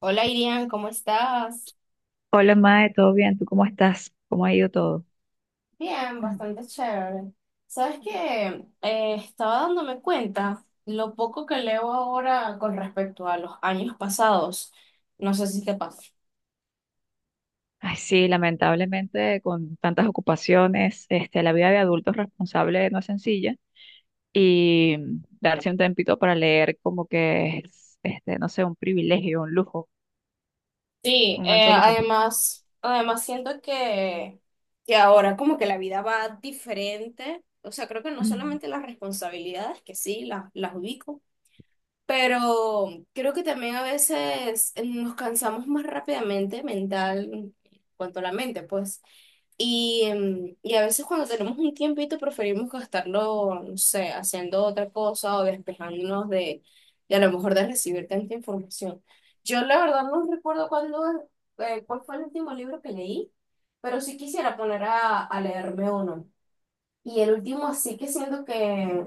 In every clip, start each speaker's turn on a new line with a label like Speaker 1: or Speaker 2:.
Speaker 1: Hola Irian, ¿cómo estás?
Speaker 2: Hola, Mae, ¿todo bien? ¿Tú cómo estás? ¿Cómo ha ido todo?
Speaker 1: Bien,
Speaker 2: Mm.
Speaker 1: bastante chévere. Sabes que estaba dándome cuenta lo poco que leo ahora con respecto a los años pasados. No sé si te pasa.
Speaker 2: Ay, sí, lamentablemente con tantas ocupaciones, este, la vida de adultos responsable no es sencilla y darse un tempito para leer como que es, este, no sé, un privilegio, un lujo,
Speaker 1: Sí,
Speaker 2: un alto lujo.
Speaker 1: además, además siento que ahora como que la vida va diferente. O sea, creo que no
Speaker 2: Mm.
Speaker 1: solamente las responsabilidades, que sí, las ubico. Pero creo que también a veces nos cansamos más rápidamente mental, en cuanto a la mente, pues. Y, y a veces cuando tenemos un tiempito preferimos gastarlo, no sé, haciendo otra cosa o despejándonos de a lo mejor de recibir tanta información. Yo la verdad no recuerdo cuál fue el último libro que leí, pero sí quisiera poner a leerme uno. Y el último sí que siento que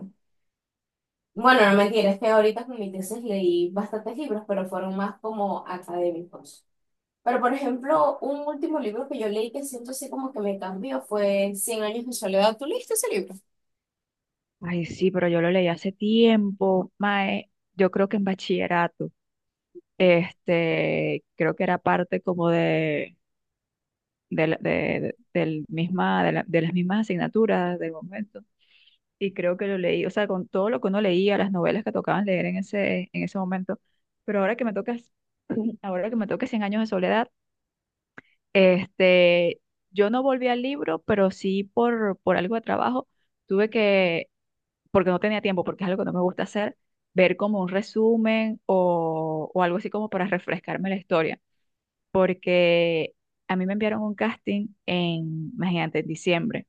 Speaker 1: bueno, no mentira, es que ahorita con mi tesis leí bastantes libros, pero fueron más como académicos. Pero, por ejemplo, un último libro que yo leí que siento así como que me cambió fue Cien años de soledad. ¿Tú leíste ese libro?
Speaker 2: Ay, sí, pero yo lo leí hace tiempo, Mae, yo creo que en bachillerato, este, creo que era parte como de, la- de- del misma, de, la- de las mismas asignaturas del momento. Y creo que lo leí, o sea, con todo lo que uno leía, las novelas que tocaban leer en ese momento. Pero ahora que me tocas, ahora que me toca Cien años de soledad, este, yo no volví al libro, pero sí por algo de trabajo, tuve que, porque no tenía tiempo, porque es algo que no me gusta hacer, ver como un resumen o algo así como para refrescarme la historia, porque a mí me enviaron un casting en, imagínate, en diciembre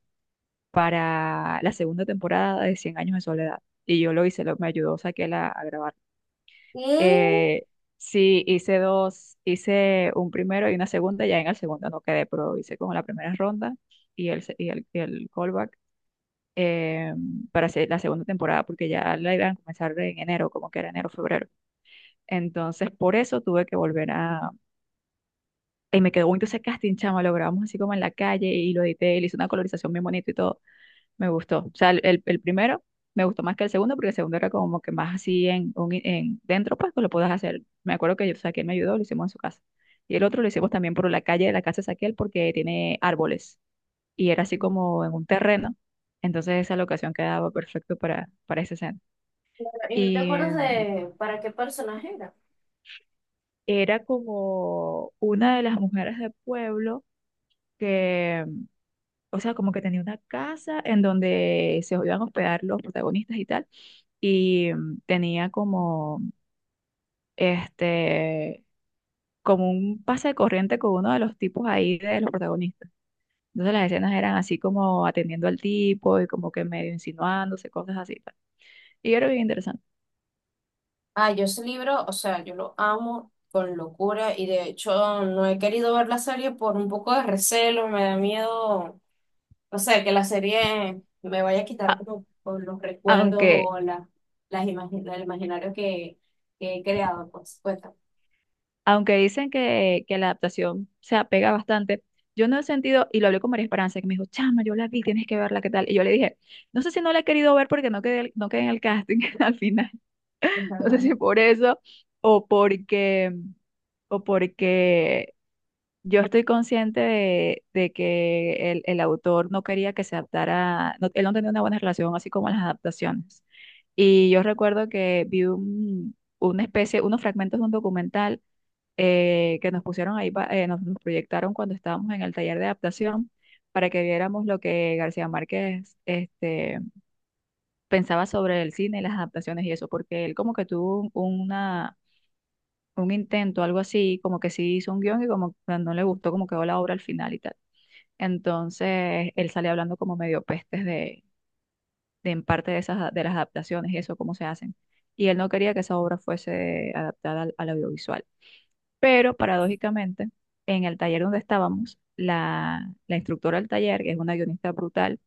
Speaker 2: para la segunda temporada de 100 años de soledad. Y yo lo hice, lo, me ayudó Saquela a grabar.
Speaker 1: ¿Qué?
Speaker 2: Eh, sí, hice dos, hice un primero y una segunda, ya en el segundo no quedé, pero hice como la primera ronda y el, se- y el callback eh, para hacer la segunda temporada, porque ya la iban a comenzar en enero, como que era enero, febrero. Entonces, por eso tuve que volver a... Y me quedó bonito ese casting, chama, lo grabamos así como en la calle y lo edité, y le hice una colorización bien bonita y todo. Me gustó. O sea, el primero me gustó más que el segundo, porque el segundo era como que más así en, un- en dentro, pues que lo puedas hacer. Me acuerdo que yo, Saquiel me ayudó, lo hicimos en su casa. Y el otro lo hicimos también por la calle de la casa de Saquiel, porque tiene árboles. Y era así como en un terreno. Entonces esa locación quedaba perfecto para esa escena.
Speaker 1: ¿Y no te
Speaker 2: Y
Speaker 1: acuerdas
Speaker 2: mm,
Speaker 1: de para qué personaje era?
Speaker 2: era como una de las mujeres del pueblo que, o sea, como que tenía una casa en donde se iban a hospedar los protagonistas y tal y mm, tenía como este como un pase de corriente con uno de los tipos ahí de los protagonistas. Entonces las escenas eran así como atendiendo al tipo y como que medio insinuándose, cosas así. Tal. Y yo era bien interesante.
Speaker 1: Ah, yo ese libro, o sea, yo lo amo con locura y de hecho no he querido ver la serie por un poco de recelo, me da miedo. O sea, que la serie me vaya a quitar
Speaker 2: A-
Speaker 1: como por los recuerdos
Speaker 2: aunque,
Speaker 1: o la, el imaginario que he creado, pues. Cuenta.
Speaker 2: Aunque dicen que la adaptación se apega bastante, yo no he sentido, y lo hablé con María Esperanza, que me dijo, chama, yo la vi, tienes que verla, ¿qué tal? Y yo le dije, no sé si no la he querido ver porque no quedé, no quedé en el casting al final. No sé si por eso o porque o porque yo estoy consciente de que el autor no quería que se adaptara, no- él no tenía una buena relación, así como las adaptaciones. Y yo recuerdo que vi un- una especie, unos fragmentos de un documental que nos pusieron ahí, pa- nos, nos proyectaron cuando estábamos en el taller de adaptación para que viéramos lo que García Márquez este, pensaba sobre el cine, las adaptaciones y eso, porque él como que tuvo un- una un intento, algo así, como que sí hizo un guión y como que no le gustó como quedó la obra al final y tal. Entonces, él sale hablando como medio pestes de en parte de esas, de las adaptaciones y eso, cómo se hacen. Y él no quería que esa obra fuese adaptada al, al audiovisual. Pero paradójicamente, en el taller donde estábamos, la instructora del taller, que es una guionista brutal,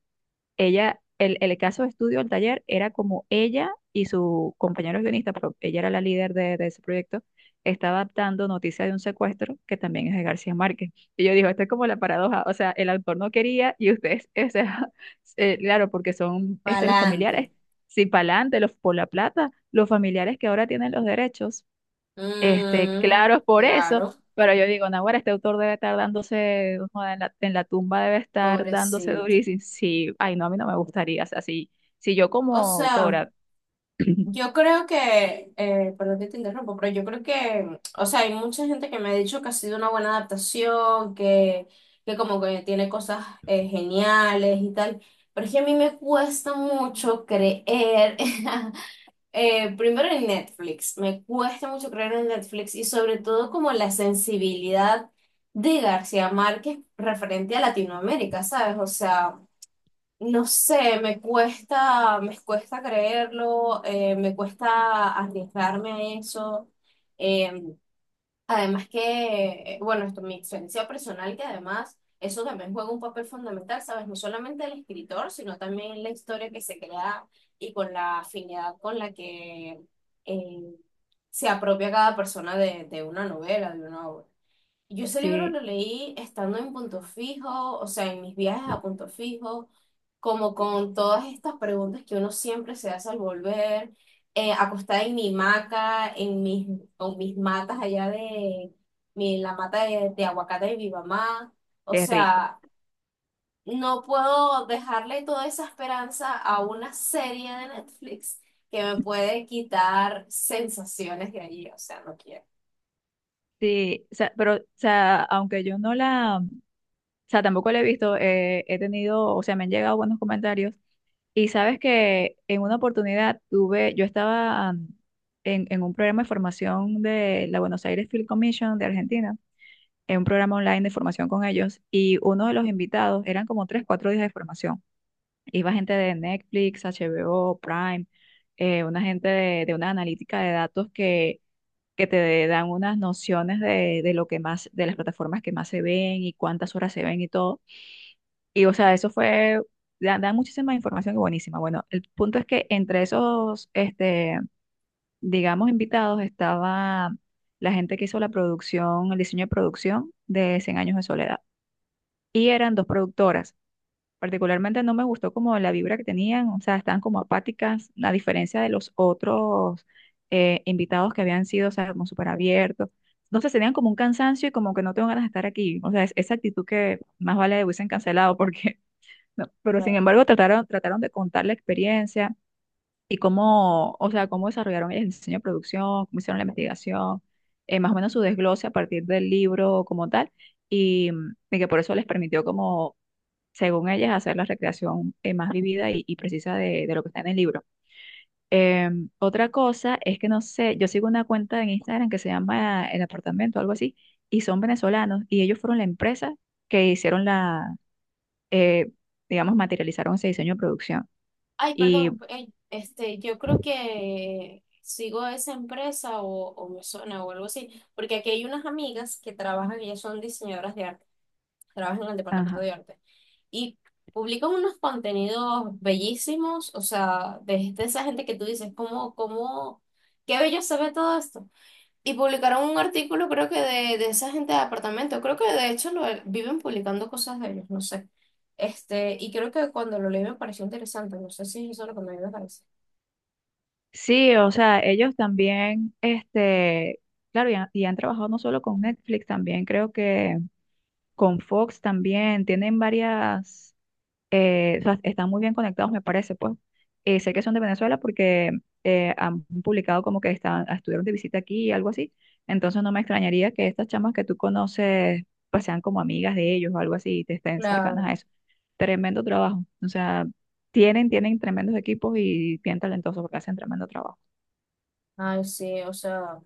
Speaker 2: ella, el caso de estudio, el taller, era como ella y su compañero guionista, pero ella era la líder de ese proyecto, está adaptando Noticia de un secuestro, que también es de García Márquez. Y yo digo, esto es como la paradoja, o sea, el autor no quería y ustedes, o sea, claro, porque son este, los
Speaker 1: Pa'lante.
Speaker 2: familiares, si pa'lante, los por la plata, los familiares que ahora tienen los derechos. Este,
Speaker 1: Mm,
Speaker 2: claro, es por eso,
Speaker 1: claro,
Speaker 2: pero yo digo, Naguará, este autor debe estar dándose, o sea, en la tumba debe estar dándose
Speaker 1: pobrecito.
Speaker 2: durísimo. Sí, ay, no, a mí no me gustaría, o sea, si, si yo
Speaker 1: O
Speaker 2: como
Speaker 1: sea,
Speaker 2: autora,
Speaker 1: yo creo que, perdón que te interrumpo, pero yo creo que, o sea, hay mucha gente que me ha dicho que ha sido una buena adaptación, que como que tiene cosas geniales y tal, pero es que a mí me cuesta mucho creer. Primero en Netflix, me cuesta mucho creer en Netflix y sobre todo como la sensibilidad de García Márquez referente a Latinoamérica, ¿sabes? O sea, no sé, me cuesta creerlo, me cuesta arriesgarme a eso. Eh, Además que, bueno, esto, mi experiencia personal, que además eso también juega un papel fundamental, ¿sabes? No solamente el escritor, sino también la historia que se crea y con la afinidad con la que eh, se apropia cada persona de una novela, de una obra. Yo ese libro
Speaker 2: sí,
Speaker 1: lo leí estando en Punto Fijo, o sea, en mis viajes a Punto Fijo, como con todas estas preguntas que uno siempre se hace al volver, acostada en mi hamaca, en mis, o mis matas allá de mi, la mata de aguacate de mi mamá. O
Speaker 2: qué rico.
Speaker 1: sea, no puedo dejarle toda esa esperanza a una serie de Netflix que me puede quitar sensaciones de allí, o sea, no quiero.
Speaker 2: Sí, o sea, pero, o sea, aunque yo no la, o sea, tampoco la he visto, he tenido, o sea, me han llegado buenos comentarios. Y sabes que en una oportunidad tuve, yo estaba mm, en un programa de formación de la Buenos Aires Film Commission de Argentina en un programa online de formación con ellos y uno de los invitados eran como tres, cuatro días de formación. Iba gente de Netflix, HBO, Prime, una gente de una analítica de datos que te dan unas nociones de lo que más, de las plataformas que más se ven y cuántas horas se ven y todo. Y o sea, eso fue, da, da muchísima información y buenísima. Bueno, el punto es que entre esos, este, digamos, invitados estaba la gente que hizo la producción, el diseño de producción de Cien años de soledad y eran dos productoras. Particularmente no me gustó como la vibra que tenían, o sea, estaban como apáticas, a diferencia de los otros invitados que habían sido, o sea, como súper abiertos. Entonces tenían como un cansancio y como que no tengo ganas de estar aquí. O sea, es, esa actitud que más vale hubiesen cancelado porque, no, pero sin embargo trataron de contar la experiencia y cómo, o sea, cómo desarrollaron el diseño de producción, cómo hicieron la investigación, más o menos su desglose a partir del libro como tal y mm, y que por eso les permitió como según ellas, hacer la recreación más vivida y precisa de lo que está en el libro. Eh, otra cosa es que no sé, yo sigo una cuenta en Instagram que se llama El Apartamento, algo así, y son venezolanos, y ellos fueron la empresa que hicieron la, eh, digamos, materializaron ese diseño de producción.
Speaker 1: Ay,
Speaker 2: Y,
Speaker 1: perdón, yo creo que sigo esa empresa o me suena o algo así, porque aquí hay unas amigas que trabajan, ellas son diseñadoras de arte, trabajan en el departamento
Speaker 2: ajá.
Speaker 1: de arte y publican unos contenidos bellísimos, o sea, de esa gente que tú dices, ¿cómo, cómo, qué bello se ve todo esto? Y publicaron un artículo, creo que de esa gente de apartamento. Creo que de hecho lo, viven publicando cosas de ellos, no sé. Este, y creo que cuando lo leí me pareció interesante. No sé si eso es lo que me parece.
Speaker 2: Sí, o sea, ellos también, este, claro, y han trabajado no solo con Netflix, también creo que con Fox también, tienen varias o sea, están muy bien conectados, me parece, pues. Sé que son de Venezuela porque han publicado como que están, estuvieron de visita aquí y algo así. Entonces no me extrañaría que estas chamas que tú conoces pues sean como amigas de ellos o algo así y te estén cercanas
Speaker 1: Claro.
Speaker 2: a eso. Tremendo trabajo. O sea, tienen, tienen tremendos equipos y bien talentosos porque hacen tremendo trabajo.
Speaker 1: Ay, sí, o sea.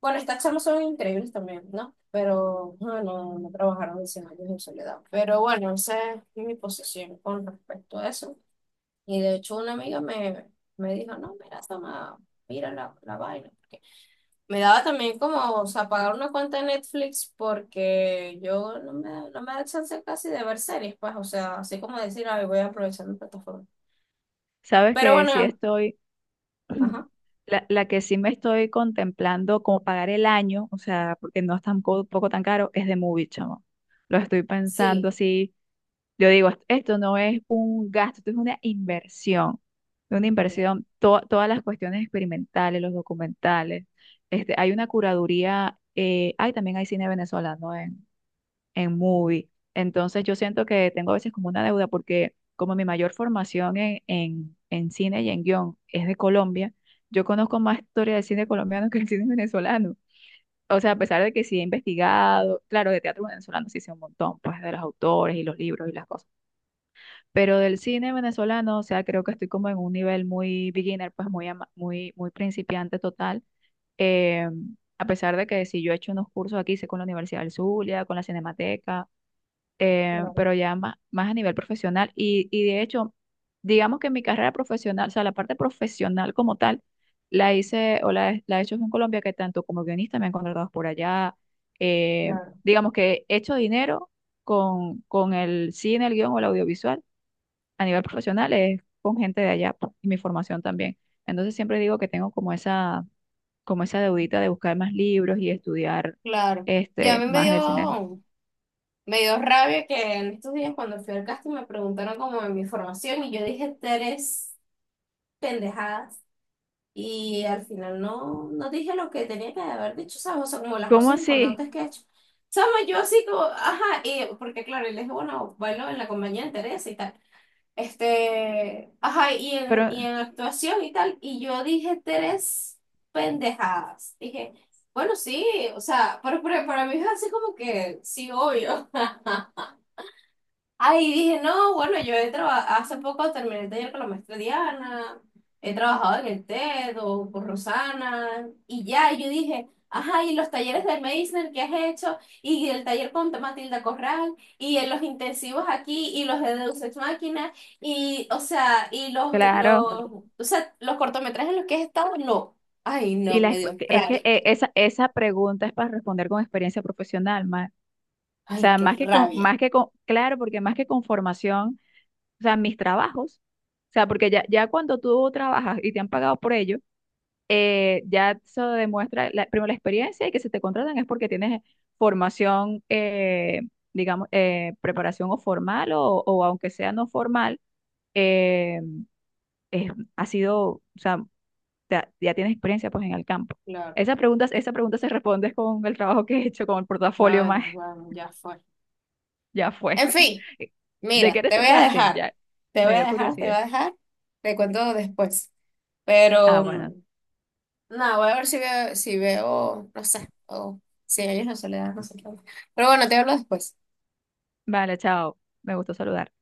Speaker 1: Bueno, estas charlas son increíbles también, ¿no? Pero bueno, no trabajaron en 100 años en soledad. Pero bueno, esa es mi posición con respecto a eso. Y de hecho, una amiga me dijo: No, mira, Sama, mira la vaina. Me daba también como, o sea, pagar una cuenta de Netflix porque yo no no me da chance casi de ver series, pues, o sea, así como decir, ay, voy a aprovechar mi plataforma.
Speaker 2: Sabes
Speaker 1: Pero
Speaker 2: que si
Speaker 1: bueno,
Speaker 2: estoy
Speaker 1: ajá,
Speaker 2: la, la que sí me estoy contemplando como pagar el año, o sea, porque no es tampoco poco tan caro, es de Movie, chamo. Lo estoy pensando
Speaker 1: sí,
Speaker 2: así. Yo digo, "Est- esto no es un gasto, esto es una inversión. Una
Speaker 1: es verdad,
Speaker 2: inversión, to- todas las cuestiones experimentales, los documentales. Este, hay una curaduría, hay también hay cine venezolano en Movie. Entonces yo siento que tengo a veces como una deuda porque como mi mayor formación en cine y en guión es de Colombia, yo conozco más historia del cine colombiano que el cine venezolano. O sea, a pesar de que sí he investigado, claro, de teatro venezolano sí sé un montón, pues de los autores y los libros y las cosas, pero del cine venezolano, o sea, creo que estoy como en un nivel muy beginner, pues muy, ama- muy, muy principiante total. Eh, a pesar de que sí yo he hecho unos cursos aquí, sé con la Universidad del Zulia, con la Cinemateca,
Speaker 1: claro,
Speaker 2: pero ya más, más a nivel profesional. Y de hecho, digamos que mi carrera profesional, o sea, la parte profesional como tal, la hice o la he hecho en Colombia, que tanto como guionista me han contratado por allá. Eh,
Speaker 1: claro,
Speaker 2: digamos que he hecho dinero con el cine, el guión o el audiovisual a nivel profesional, es con gente de allá pues, y mi formación también. Entonces siempre digo que tengo como esa deudita de buscar más libros y estudiar
Speaker 1: claro. Ya a
Speaker 2: este,
Speaker 1: mí me
Speaker 2: más del cine.
Speaker 1: me dio rabia que en estos días cuando fui al casting me preguntaron como de mi formación y yo dije tres pendejadas. Y al final no, no dije lo que tenía que haber dicho, ¿sabes? O sea, como las
Speaker 2: ¿Cómo
Speaker 1: cosas
Speaker 2: así?
Speaker 1: importantes que he hecho. ¿Sabes? Yo así como, ajá, y, porque claro, y le dije, bueno, bailo en la compañía de Teresa y tal. Este, ajá, y
Speaker 2: Pero
Speaker 1: en actuación y tal. Y yo dije tres pendejadas. Dije, bueno, sí, o sea, pero para mí es así como que, sí, obvio. Ay, dije, no, bueno, yo he trabajado, hace poco terminé el taller con la maestra Diana, he trabajado en el TED o con Rosana, y ya, y yo dije, ajá, y los talleres de Meisner que has hecho, y el taller con Matilda Corral, y en los intensivos aquí, y los de Deus Ex Machina, y, o sea,
Speaker 2: claro.
Speaker 1: los cortometrajes en los que he estado, no. Ay,
Speaker 2: Y
Speaker 1: no,
Speaker 2: la,
Speaker 1: me
Speaker 2: exp-
Speaker 1: dio
Speaker 2: es que
Speaker 1: rabia.
Speaker 2: esa, esa pregunta es para responder con experiencia profesional, más, o
Speaker 1: Ay,
Speaker 2: sea,
Speaker 1: qué rabia.
Speaker 2: más que con, claro, porque más que con formación, o sea, mis trabajos, o sea, porque ya, ya cuando tú trabajas y te han pagado por ello, ya se demuestra la, primero la experiencia y que se te contratan es porque tienes formación, digamos, preparación o formal o aunque sea no formal, eh, es- ha sido, o sea, ya, ya tienes experiencia pues en el campo.
Speaker 1: Claro.
Speaker 2: Esa pregunta se responde con el trabajo que he hecho, con el portafolio
Speaker 1: Ay,
Speaker 2: más,
Speaker 1: bueno, ya fue.
Speaker 2: ya fue.
Speaker 1: En fin.
Speaker 2: ¿De qué
Speaker 1: Mira, te
Speaker 2: eres el
Speaker 1: voy a
Speaker 2: casting?
Speaker 1: dejar,
Speaker 2: Ya,
Speaker 1: te
Speaker 2: me
Speaker 1: voy a
Speaker 2: dio
Speaker 1: dejar, te voy
Speaker 2: curiosidad.
Speaker 1: a dejar, te cuento después.
Speaker 2: Ah,
Speaker 1: Pero,
Speaker 2: bueno,
Speaker 1: no, voy a ver si veo, no sé, o si hay una soledad, no sé qué. Pero bueno, te hablo después.
Speaker 2: vale, chao, me gustó saludar.